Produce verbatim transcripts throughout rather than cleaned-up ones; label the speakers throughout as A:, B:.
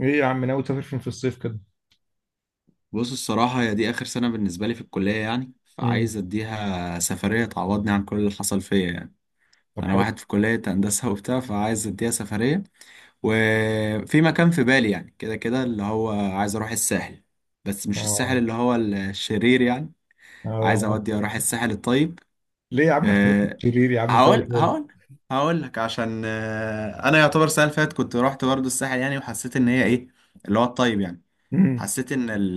A: ايه يا عم، ناوي تسافر فين في الصيف كده؟
B: بص الصراحة هي دي آخر سنة بالنسبة لي في الكلية يعني
A: امم
B: فعايز أديها سفرية تعوضني عن كل اللي حصل فيا يعني.
A: طب
B: أنا
A: حلو.
B: واحد في كلية هندسة وبتاع فعايز أديها سفرية، وفي مكان في بالي يعني كده كده اللي هو عايز أروح الساحل، بس مش الساحل
A: اه.
B: اللي هو الشرير يعني، عايز
A: اه.
B: أودي أروح الساحل الطيب.
A: ليه يا عم تخليك
B: أه،
A: شرير يا عم؟ زي
B: هقول
A: الفل.
B: هقول هقول لك عشان أه أنا يعتبر السنة اللي فاتت كنت رحت برضه الساحل يعني، وحسيت إن هي إيه اللي هو الطيب يعني.
A: امم
B: حسيت ان ال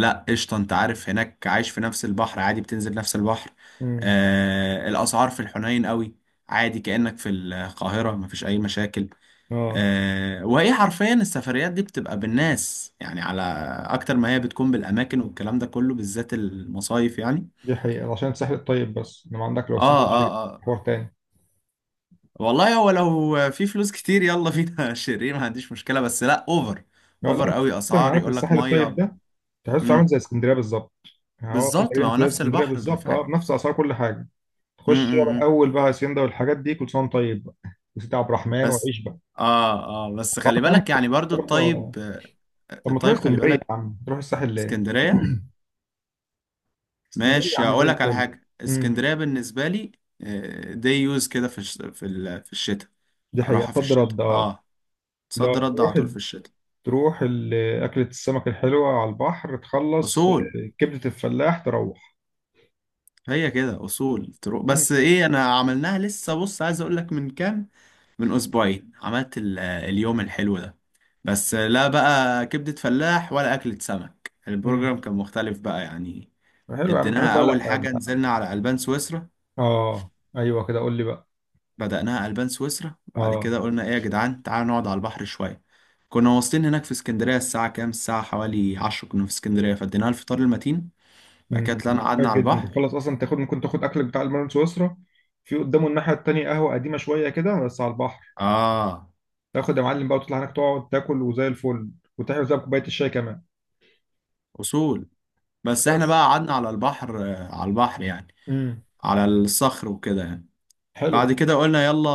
B: لا قشطه، انت عارف هناك عايش في نفس البحر، عادي بتنزل نفس البحر.
A: امم
B: آه الاسعار في الحنين قوي، عادي كانك في القاهره مفيش اي مشاكل.
A: اه،
B: آه وهي حرفيا السفريات دي بتبقى بالناس يعني على اكتر ما هي بتكون بالاماكن، والكلام ده كله بالذات المصايف يعني.
A: دي حقيقة عشان الساحل الطيب بس، انما عندك لو الساحل
B: اه اه
A: الشرير
B: اه
A: حوار تاني.
B: والله هو لو في فلوس كتير يلا فينا شيرين ما عنديش مشكله، بس لا اوفر،
A: لا
B: اوفر
A: لا،
B: قوي
A: اصلا
B: اسعار،
A: عارف
B: يقول لك
A: الساحل الطيب
B: ميه.
A: ده، تحسه عامل
B: امم.
A: زي اسكندرية بالظبط. يعني هو اصلا
B: بالظبط، ما
A: تقريبا
B: هو
A: زي
B: نفس
A: اسكندرية
B: البحر
A: بالظبط، اه،
B: بالفعل.
A: بنفس اسعار كل حاجة. تخش بقى
B: امم.
A: الاول بقى هاسيندا والحاجات دي كل سنة وأنت طيب بقى، وسيدي عبد الرحمن
B: بس
A: وعيش بقى.
B: اه. اه بس
A: صعب
B: خلي
A: يا عم.
B: بالك يعني برضو
A: تروح- آه.
B: الطيب آه،
A: طب ما تروح
B: الطيب خلي
A: اسكندرية يا
B: بالك.
A: عم، تروح الساحل ليه؟
B: اسكندرية،
A: اسكندرية يا
B: ماشي
A: عم زي
B: اقول لك على
A: الفل.
B: حاجة،
A: امم
B: اسكندرية بالنسبة لي دي يوز كده في الش- في ال- في الشتاء،
A: دي حقيقة،
B: اروحها في
A: صد
B: الشتاء،
A: رد، اه.
B: اه
A: لو
B: صد رد على
A: تروح
B: طول في الشتاء.
A: تروح ال- أكلة السمك الحلوة على البحر تخلص
B: اصول،
A: آه، كبدة الفلاح تروح.
B: هي كده اصول تروح،
A: مم.
B: بس ايه انا عملناها لسه، بص عايز اقول لك، من كام، من اسبوعين، عملت ال- اليوم الحلو ده، بس لا بقى كبدة فلاح ولا أكلة سمك،
A: مم.
B: البروجرام كان مختلف بقى يعني.
A: حلو يا عم، انت عارف
B: اديناها
A: بقى لا.
B: اول حاجه
A: أنت-
B: نزلنا على البان سويسرا،
A: اه، ايوه كده قول لي بقى.
B: بدأناها البان سويسرا، بعد
A: اه.
B: كده قلنا ايه يا جدعان تعالوا نقعد على البحر شويه. كنا واصلين هناك في اسكندريه الساعه كام، الساعه حوالي عشرة كنا في اسكندريه، فاديناها الفطار المتين. بعد كده
A: امم
B: طلعنا قعدنا
A: جامد
B: على
A: جدا،
B: البحر،
A: تخلص اصلا تاخد، ممكن تاخد اكلك بتاع المرن سويسرا، في قدامه الناحية التانية قهوة قديمة شوية كده بس على البحر،
B: اه
A: تاخد يا معلم بقى وتطلع هناك تقعد تاكل وزي الفل، وتحلو زي كوباية الشاي كمان.
B: اصول. بس احنا بقى
A: بس.
B: قعدنا على البحر آه، على البحر يعني،
A: امم
B: على الصخر وكده يعني.
A: حلو
B: بعد
A: بقى.
B: كده قلنا يلا،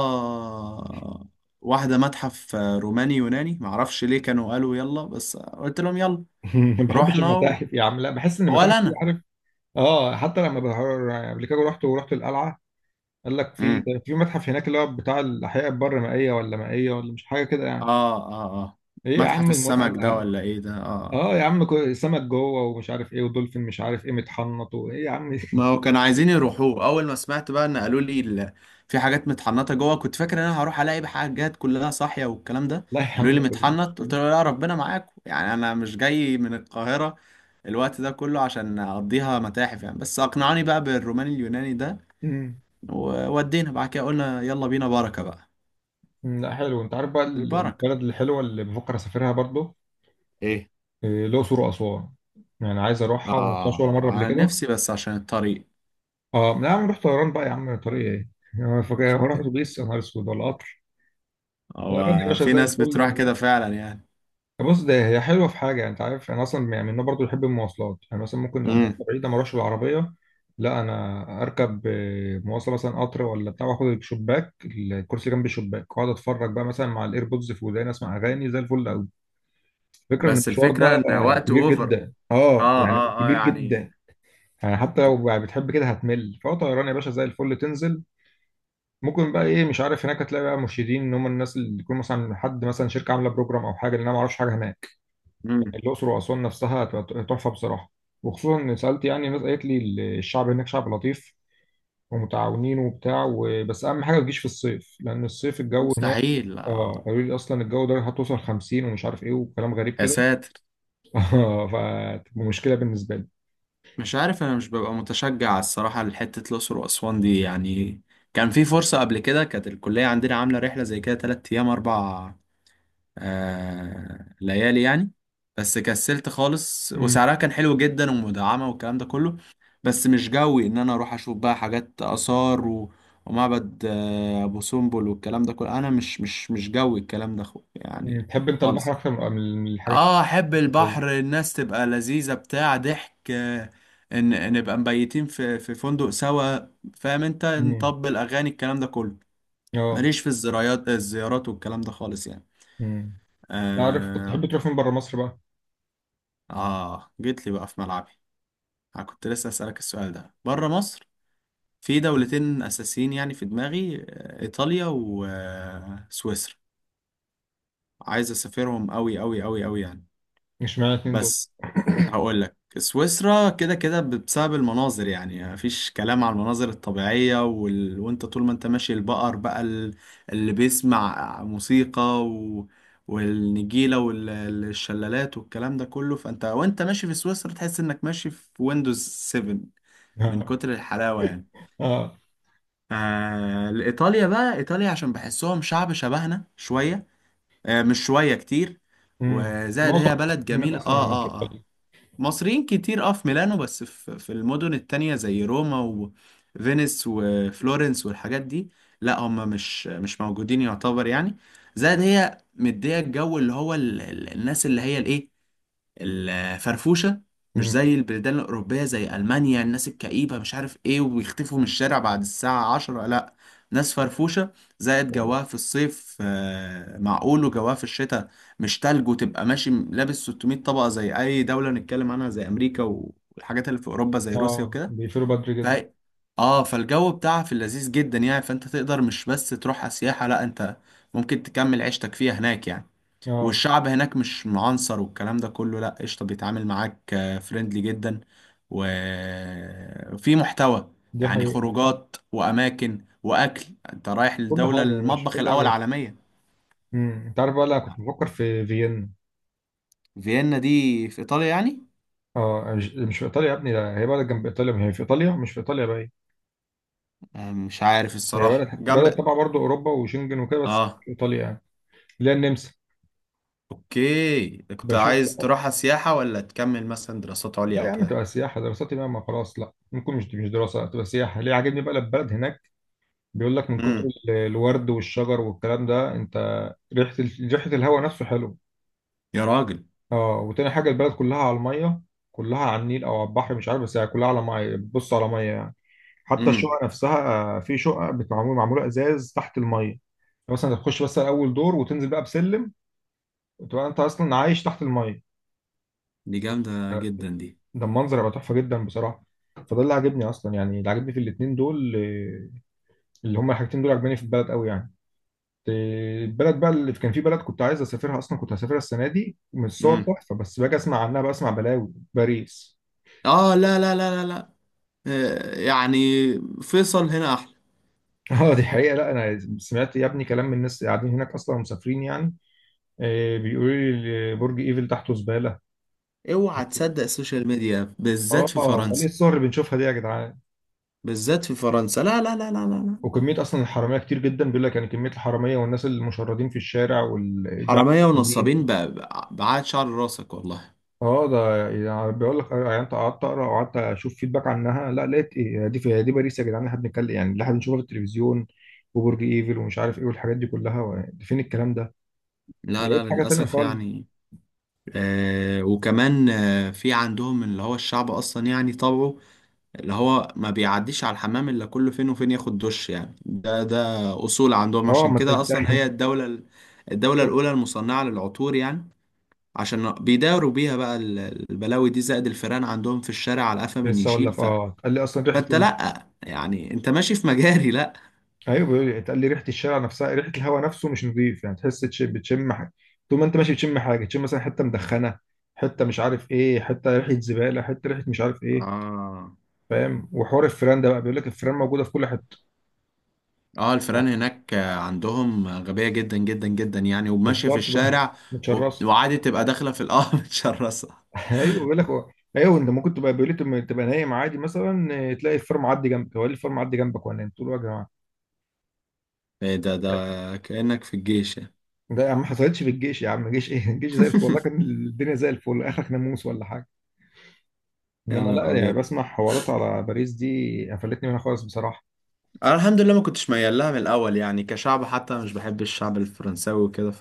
B: واحده متحف آه، روماني يوناني معرفش ليه، كانوا قالوا يلا، بس قلت لهم يلا
A: ما بحبش
B: رحنا و...
A: المتاحف يا عم، لا بحس ان المتاحف دي
B: ولا
A: عارف. اه حتى لما بحر- قبل كده رحت، ورحت القلعه قال لك في،
B: انا
A: كان في متحف هناك اللي هو بتاع الاحياء البر مائيه ولا مائيه ولا مش حاجه كده يعني.
B: اه اه اه،
A: ايه يا
B: متحف
A: عم المتعه
B: السمك ده
A: اللي-
B: ولا ايه ده، اه آه.
A: اه يا عم، كو- سمك جوه ومش عارف ايه، ودولفين مش عارف ايه متحنط، وايه يا عم
B: ما هو كانوا عايزين يروحوه اول ما سمعت بقى ان قالوا لي ال- في حاجات متحنطه جوه، كنت فاكر ان انا هروح الاقي حاجات كلها صاحيه والكلام ده.
A: لا يا
B: قالوا
A: عم
B: لي
A: ده كله.
B: متحنط، قلت له لا ربنا معاكم يعني، انا مش جاي من القاهره الوقت ده كله عشان اقضيها متاحف يعني، بس اقنعوني بقى بالروماني اليوناني ده.
A: أمم.
B: وودينا بعد كده قلنا يلا بينا بركه بقى.
A: أمم، لا حلو، انت عارف بقى ال-
B: البركه
A: البلد الحلوه اللي بفكر اسافرها برضو؟
B: ايه؟
A: إيه، الاقصر واسوان، يعني عايز اروحها، ما رحتهاش ولا
B: اه
A: مره قبل
B: انا
A: كده.
B: نفسي بس عشان الطريق.
A: اه لا يا عم، رحت طيران بقى يا عم، طريق ايه يعني فاكر هروح اتوبيس يا نهار اسود، ولا قطر؟ طيران يا
B: هو
A: باشا
B: في
A: زي
B: ناس
A: الفل.
B: بتروح كده فعلا يعني.
A: بص، ده هي حلوه في حاجه، انت عارف انا اصلا يعني من النوع برضه بحب المواصلات، انا مثلا ممكن لو
B: امم.
A: مواصله بعيده ما اروحش بالعربيه، لا انا اركب آه، مواصله مثلا قطر ولا بتاع، واخد الشباك، الكرسي جنب الشباك، واقعد اتفرج بقى مثلا مع الايربودز في وداني، اسمع اغاني زي الفل قوي. الفكره ان
B: بس
A: المشوار
B: الفكرة
A: ده
B: ان
A: آه،
B: وقت
A: كبير
B: اوفر،
A: جدا، اه
B: اه
A: يعني
B: اه اه
A: كبير
B: يعني.
A: جدا. يعني حتى لو يعني بتحب كده هتمل، فهو طيران يا باشا زي الفل تنزل. ممكن بقى ايه، مش عارف، هناك هتلاقي بقى مرشدين ان هم الناس اللي يكون مثلا حد مثلا شركه عامله بروجرام او حاجه، لان انا ما اعرفش حاجه هناك.
B: امم.
A: الأقصر وأسوان نفسها ت- تحفة بصراحة. وخصوصا إن سألت يعني الناس قالت لي ال- الشعب هناك شعب لطيف ومتعاونين وبتاع و- بس أهم حاجة ما تجيش في الصيف، لأن الصيف الجو هناك.
B: مستحيل
A: اه
B: آه.
A: قالوا لي أصلا الجو درجة هتوصل خمسين ومش عارف إيه وكلام غريب
B: يا
A: كده
B: ساتر.
A: آه، فتبقى مشكلة بالنسبة لي.
B: مش عارف، انا مش ببقى متشجع الصراحة لحتة الأقصر وأسوان دي يعني. كان في فرصة قبل كده كانت الكلية عندنا عاملة رحلة زي كده تلات أيام أربع آه ليالي يعني، بس كسلت خالص،
A: مم.
B: وسعرها كان حلو جدا ومدعمة والكلام ده كله. بس مش جوي ان انا اروح اشوف بقى حاجات آثار و... ومعبد آه ابو سمبل والكلام ده كله، انا مش مش مش جوي الكلام ده خ...
A: مم.
B: يعني.
A: تحب أنت البحر
B: خالص،
A: أكتر من من الحاجات
B: اه احب البحر،
A: الصيفية؟
B: الناس تبقى لذيذة بتاع ضحك آه، ان نبقى مبيتين في في فندق سوا، فاهم انت،
A: مم.
B: نطبل اغاني الكلام ده كله.
A: اه.
B: ماليش في الزرايات الزيارات والكلام ده خالص يعني.
A: مم. عارف، طب
B: آه.
A: تحب تروح فين بره مصر بقى؟
B: آه جيت لي بقى في ملعبي، أنا كنت لسه أسألك السؤال ده، بره مصر في دولتين أساسيين يعني في دماغي آه، إيطاليا وسويسرا، عايز أسافرهم أوي أوي أوي أوي يعني،
A: مش معنى اتنين دول
B: بس هقول لك سويسرا كده كده بسبب المناظر، يعني مفيش كلام على المناظر الطبيعية وال... وانت طول ما انت ماشي البقر بقى ال- اللي بيسمع موسيقى و... والنجيلة والشلالات والكلام ده كله، فانت وانت ماشي في سويسرا تحس انك ماشي في ويندوز سبعة من
A: اه،
B: كتر الحلاوة يعني.
A: اه.
B: آه... ايطاليا بقى، ايطاليا عشان بحسهم شعب شبهنا شوية، آه مش شوية كتير،
A: مم.
B: وزائد
A: معظم
B: هي بلد
A: هناك
B: جميلة اه.
A: أصلا
B: اه
A: كده.
B: اه مصريين كتير اه في ميلانو، بس في في المدن التانية زي روما وفينيس وفلورنس والحاجات دي، لا هم مش مش موجودين يعتبر يعني. زائد هي مدية الجو اللي هو ال- ال- الناس اللي هي الايه، الفرفوشة، مش
A: مم.
B: زي البلدان الأوروبية زي ألمانيا الناس الكئيبة مش عارف إيه وبيختفوا من الشارع بعد الساعة عشرة، لأ ناس فرفوشة. زائد جواها في الصيف آه، معقول، وجواها في الشتاء مش تلج وتبقى ماشي لابس ستمائة طبقة زي أي دولة نتكلم عنها زي أمريكا والحاجات اللي في أوروبا زي روسيا
A: اه
B: وكده.
A: بيقفلوا بدري
B: ف...
A: جدا.
B: آه فالجو بتاعها في اللذيذ جدا يعني، فأنت تقدر مش بس تروحها سياحة، لأ أنت ممكن تكمل عيشتك فيها هناك يعني.
A: اه
B: والشعب هناك مش معنصر والكلام ده كله، لا قشطة بيتعامل معاك فريندلي جدا، وفي محتوى
A: دي
B: يعني،
A: حقيقة.
B: خروجات وأماكن وأكل، أنت رايح
A: كل
B: لدولة
A: حاجة يا باشا،
B: المطبخ
A: كل
B: الأول
A: حاجة.
B: عالميا.
A: امم انت عارف بقى، لا كنت بفكر في فيينا.
B: فيينا دي في إيطاليا يعني؟
A: اه، مش مش في ايطاليا يا ابني، لا هي بلد جنب ايطاليا، ما هي في ايطاليا مش في ايطاليا بقى هي.
B: آه، مش عارف
A: هي بلد،
B: الصراحة،
A: حتى بلد
B: جنب
A: تبع برضه اوروبا وشنجن وكده، بس مش
B: آه.
A: في ايطاليا يعني، اللي هي النمسا.
B: أوكي، كنت
A: بشوف.
B: عايز تروحها سياحة ولا تكمل مثلا دراسات عليا
A: لا يا
B: أو
A: عم
B: كده؟
A: تبقى سياحة، دراستي بقى ما خلاص، لا ممكن مش مش دراسة، تبقى سياحة. ليه؟ عاجبني بقى البلد هناك، بيقول لك من كتر
B: امم.
A: ال- الورد والشجر والكلام ده. انت ريحة ال- ريحة الهواء نفسه حلو.
B: يا راجل.
A: اه، وتاني حاجة البلد كلها على المية، كلها على النيل أو على البحر مش عارف، بس هي كلها على مية بتبص على مية يعني. حتى
B: امم.
A: الشقق نفسها آه، في شقق بتعمل، معمولة إزاز تحت المية يعني، مثلا تخش بس أول دور وتنزل بقى بسلم، وتبقى أنت أصلا عايش تحت المية.
B: دي جامدة جدا دي.
A: ده المنظر هيبقى تحفة جدا بصراحة. فده اللي عاجبني أصلا، يعني اللي عاجبني في الاتنين دول آه، اللي هما الحاجتين دول عاجباني في البلد أوي يعني. آه، البلد بقى اللي كان، في بلد كنت عايز أسافرها أصلا، كنت هسافرها السنة دي، من الصور
B: امم.
A: تحفة، بس باجي أسمع عنها بسمع بلاوي: باريس.
B: آه لا لا لا لا لا، آه يعني فيصل هنا احلى.
A: اه دي حقيقة، لا انا سمعت يا ابني كلام من الناس اللي قاعدين هناك اصلا ومسافرين يعني. آه، بيقولوا لي برج ايفل تحته زبالة.
B: اوعى تصدق السوشيال ميديا
A: اه،
B: بالذات في
A: امال ايه
B: فرنسا،
A: الصور اللي بنشوفها دي يا جدعان؟
B: بالذات في فرنسا، لا لا لا لا لا لا.
A: وكمية اصلا الحرامية كتير جدا بيقول لك، يعني كمية الحرامية والناس المشردين في الشارع والبيع.
B: حرامية ونصابين بقى بقى- بعاد شعر راسك والله.
A: اه ده يعني بيقول لك آه، يعني انت قعدت اقرا وقعدت اشوف فيدباك عنها، لا لقيت ايه، دي في دي باريس يا جدعان اللي احنا بنتكلم؟ يعني اللي احنا بنشوفها في التلفزيون وبرج ايفل ومش عارف ايه والحاجات دي كلها و- فين الكلام ده؟
B: لا
A: لقيت
B: لا
A: حاجة تانية
B: للأسف
A: خالص.
B: يعني. آه وكمان آه في عندهم اللي هو الشعب أصلا يعني طبعه، اللي هو ما بيعديش على الحمام إلا كل فين وفين ياخد دش يعني، ده ده أصول عندهم،
A: اه
B: عشان
A: ما
B: كده أصلا
A: تلاقي.
B: هي الدولة الدولة الأولى المصنعة للعطور يعني، عشان بيداوروا بيها بقى ال- البلاوي دي. زائد الفيران عندهم في الشارع على قفا من
A: لسه اقول
B: يشيل
A: لك،
B: ف...
A: اه قال لي اصلا ريحه
B: فانت
A: ال...
B: لا يعني انت ماشي في مجاري، لا.
A: ايوه بيقول لي، قال لي ريحه الشارع نفسها، ريحه الهواء نفسه مش نظيف يعني، تحس تش- بتشم حاجه. طول ما انت ماشي بتشم حاجه، تشم مثلا حته مدخنه، حته مش عارف ايه، حته ريحه زباله، حته ريحه مش عارف ايه.
B: اه
A: فاهم؟ وحوار الفيران ده بقى، بيقول لك الفيران موجوده في كل حته.
B: اه الفيران هناك آه، عندهم غبية جدا جدا جدا يعني وماشية في
A: بالظبط بقى.
B: الشارع، وب-
A: متشرسه.
B: وعادي تبقى داخلة في القهوة متشرسة.
A: ايوه بيقول لك هو- ايوه، انت ممكن تبقى، بيقول لي تبقى تبقى نايم عادي مثلا آه، تلاقي الفيران معدي جنبك، هو إيه الفيران معدي جنبك وانا نايم؟ تقول له يا جماعه
B: ايه ده، ده كأنك في الجيش يعني.
A: ده يا عم! ما حصلتش في الجيش يا عم، الجيش ايه الجيش زي الفل والله، كان الدنيا زي الفل، اخرك ناموس ولا حاجه.
B: يا
A: انما
B: نهار
A: لا، يعني
B: ابيض.
A: بسمع حوارات على باريس دي قفلتني منها خالص بصراحه.
B: انا الحمد لله ما كنتش ميال لها من الاول يعني، كشعب حتى مش بحب الشعب الفرنساوي وكده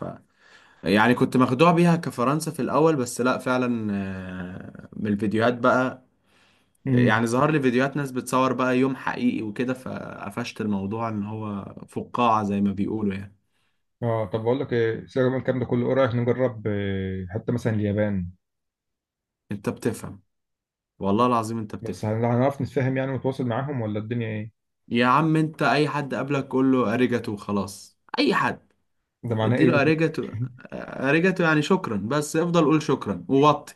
B: يعني، كنت مخدوع بيها كفرنسا في الأول، بس لأ فعلا آه، من الفيديوهات بقى
A: امم
B: يعني، ظهر لي فيديوهات ناس بتصور بقى يوم حقيقي وكده، فقفشت الموضوع إن هو فقاعة زي ما بيقولوا يعني.
A: اه. طب بقول لك ايه، سيبك من الكلام ده كله، ايه رايك نجرب آه، حتى مثلا اليابان؟
B: أنت بتفهم، والله العظيم أنت
A: بس
B: بتفهم.
A: هن- هنعرف نتفاهم يعني، ونتواصل معاهم، ولا الدنيا ايه؟
B: يا عم أنت أي حد قابلك قول له أريجاتو وخلاص، أي حد
A: ده معناه ايه
B: اديله
A: دي؟
B: أريجاتو. أريجاتو يعني شكرا، بس افضل قول شكرا ووطي،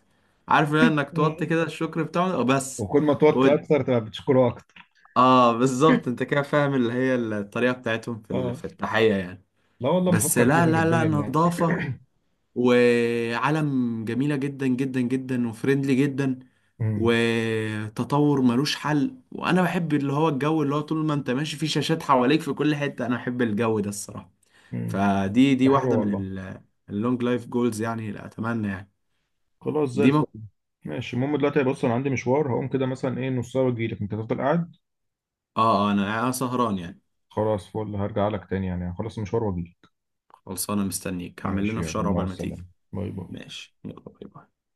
B: عارف إنك توطي
A: مم.
B: كده الشكر بتاعه بس.
A: وكل ما توت اكتر تبقى بتشكره اكتر.
B: اه بالظبط، انت كده فاهم اللي هي الطريقة بتاعتهم في ال-
A: اه.
B: في التحية يعني.
A: لا والله
B: بس
A: بفكر
B: لا
A: فيها
B: لا لا
A: جديا يعني.
B: نظافة، وعالم جميلة جدا جدا جدا، وفريندلي جدا،
A: امم
B: وتطور ملوش حل، وانا بحب اللي هو الجو اللي هو طول ما انت ماشي في شاشات حواليك في كل حتة، انا بحب الجو ده الصراحة.
A: امم
B: فدي
A: ده
B: دي
A: حلو
B: واحدة من
A: والله.
B: ال- اللونج لايف جولز يعني اللي اتمنى يعني.
A: خلاص زي
B: دي
A: الفل.
B: ممكن.
A: ماشي، المهم دلوقتي بص، انا عندي مشوار، هقوم كده مثلا ايه نص ساعه واجيلك، انت تفضل قاعد.
B: اه آه، انا أنا سهران يعني.
A: خلاص فل، هرجع لك تاني يعني، خلاص المشوار واجيلك.
B: خلصانة مستنيك هعمل
A: ماشي،
B: لنا
A: يلا
B: فشار
A: مع
B: عقبال ما تيجي.
A: السلامة. باي باي.
B: ماشي، يلا، باي باي.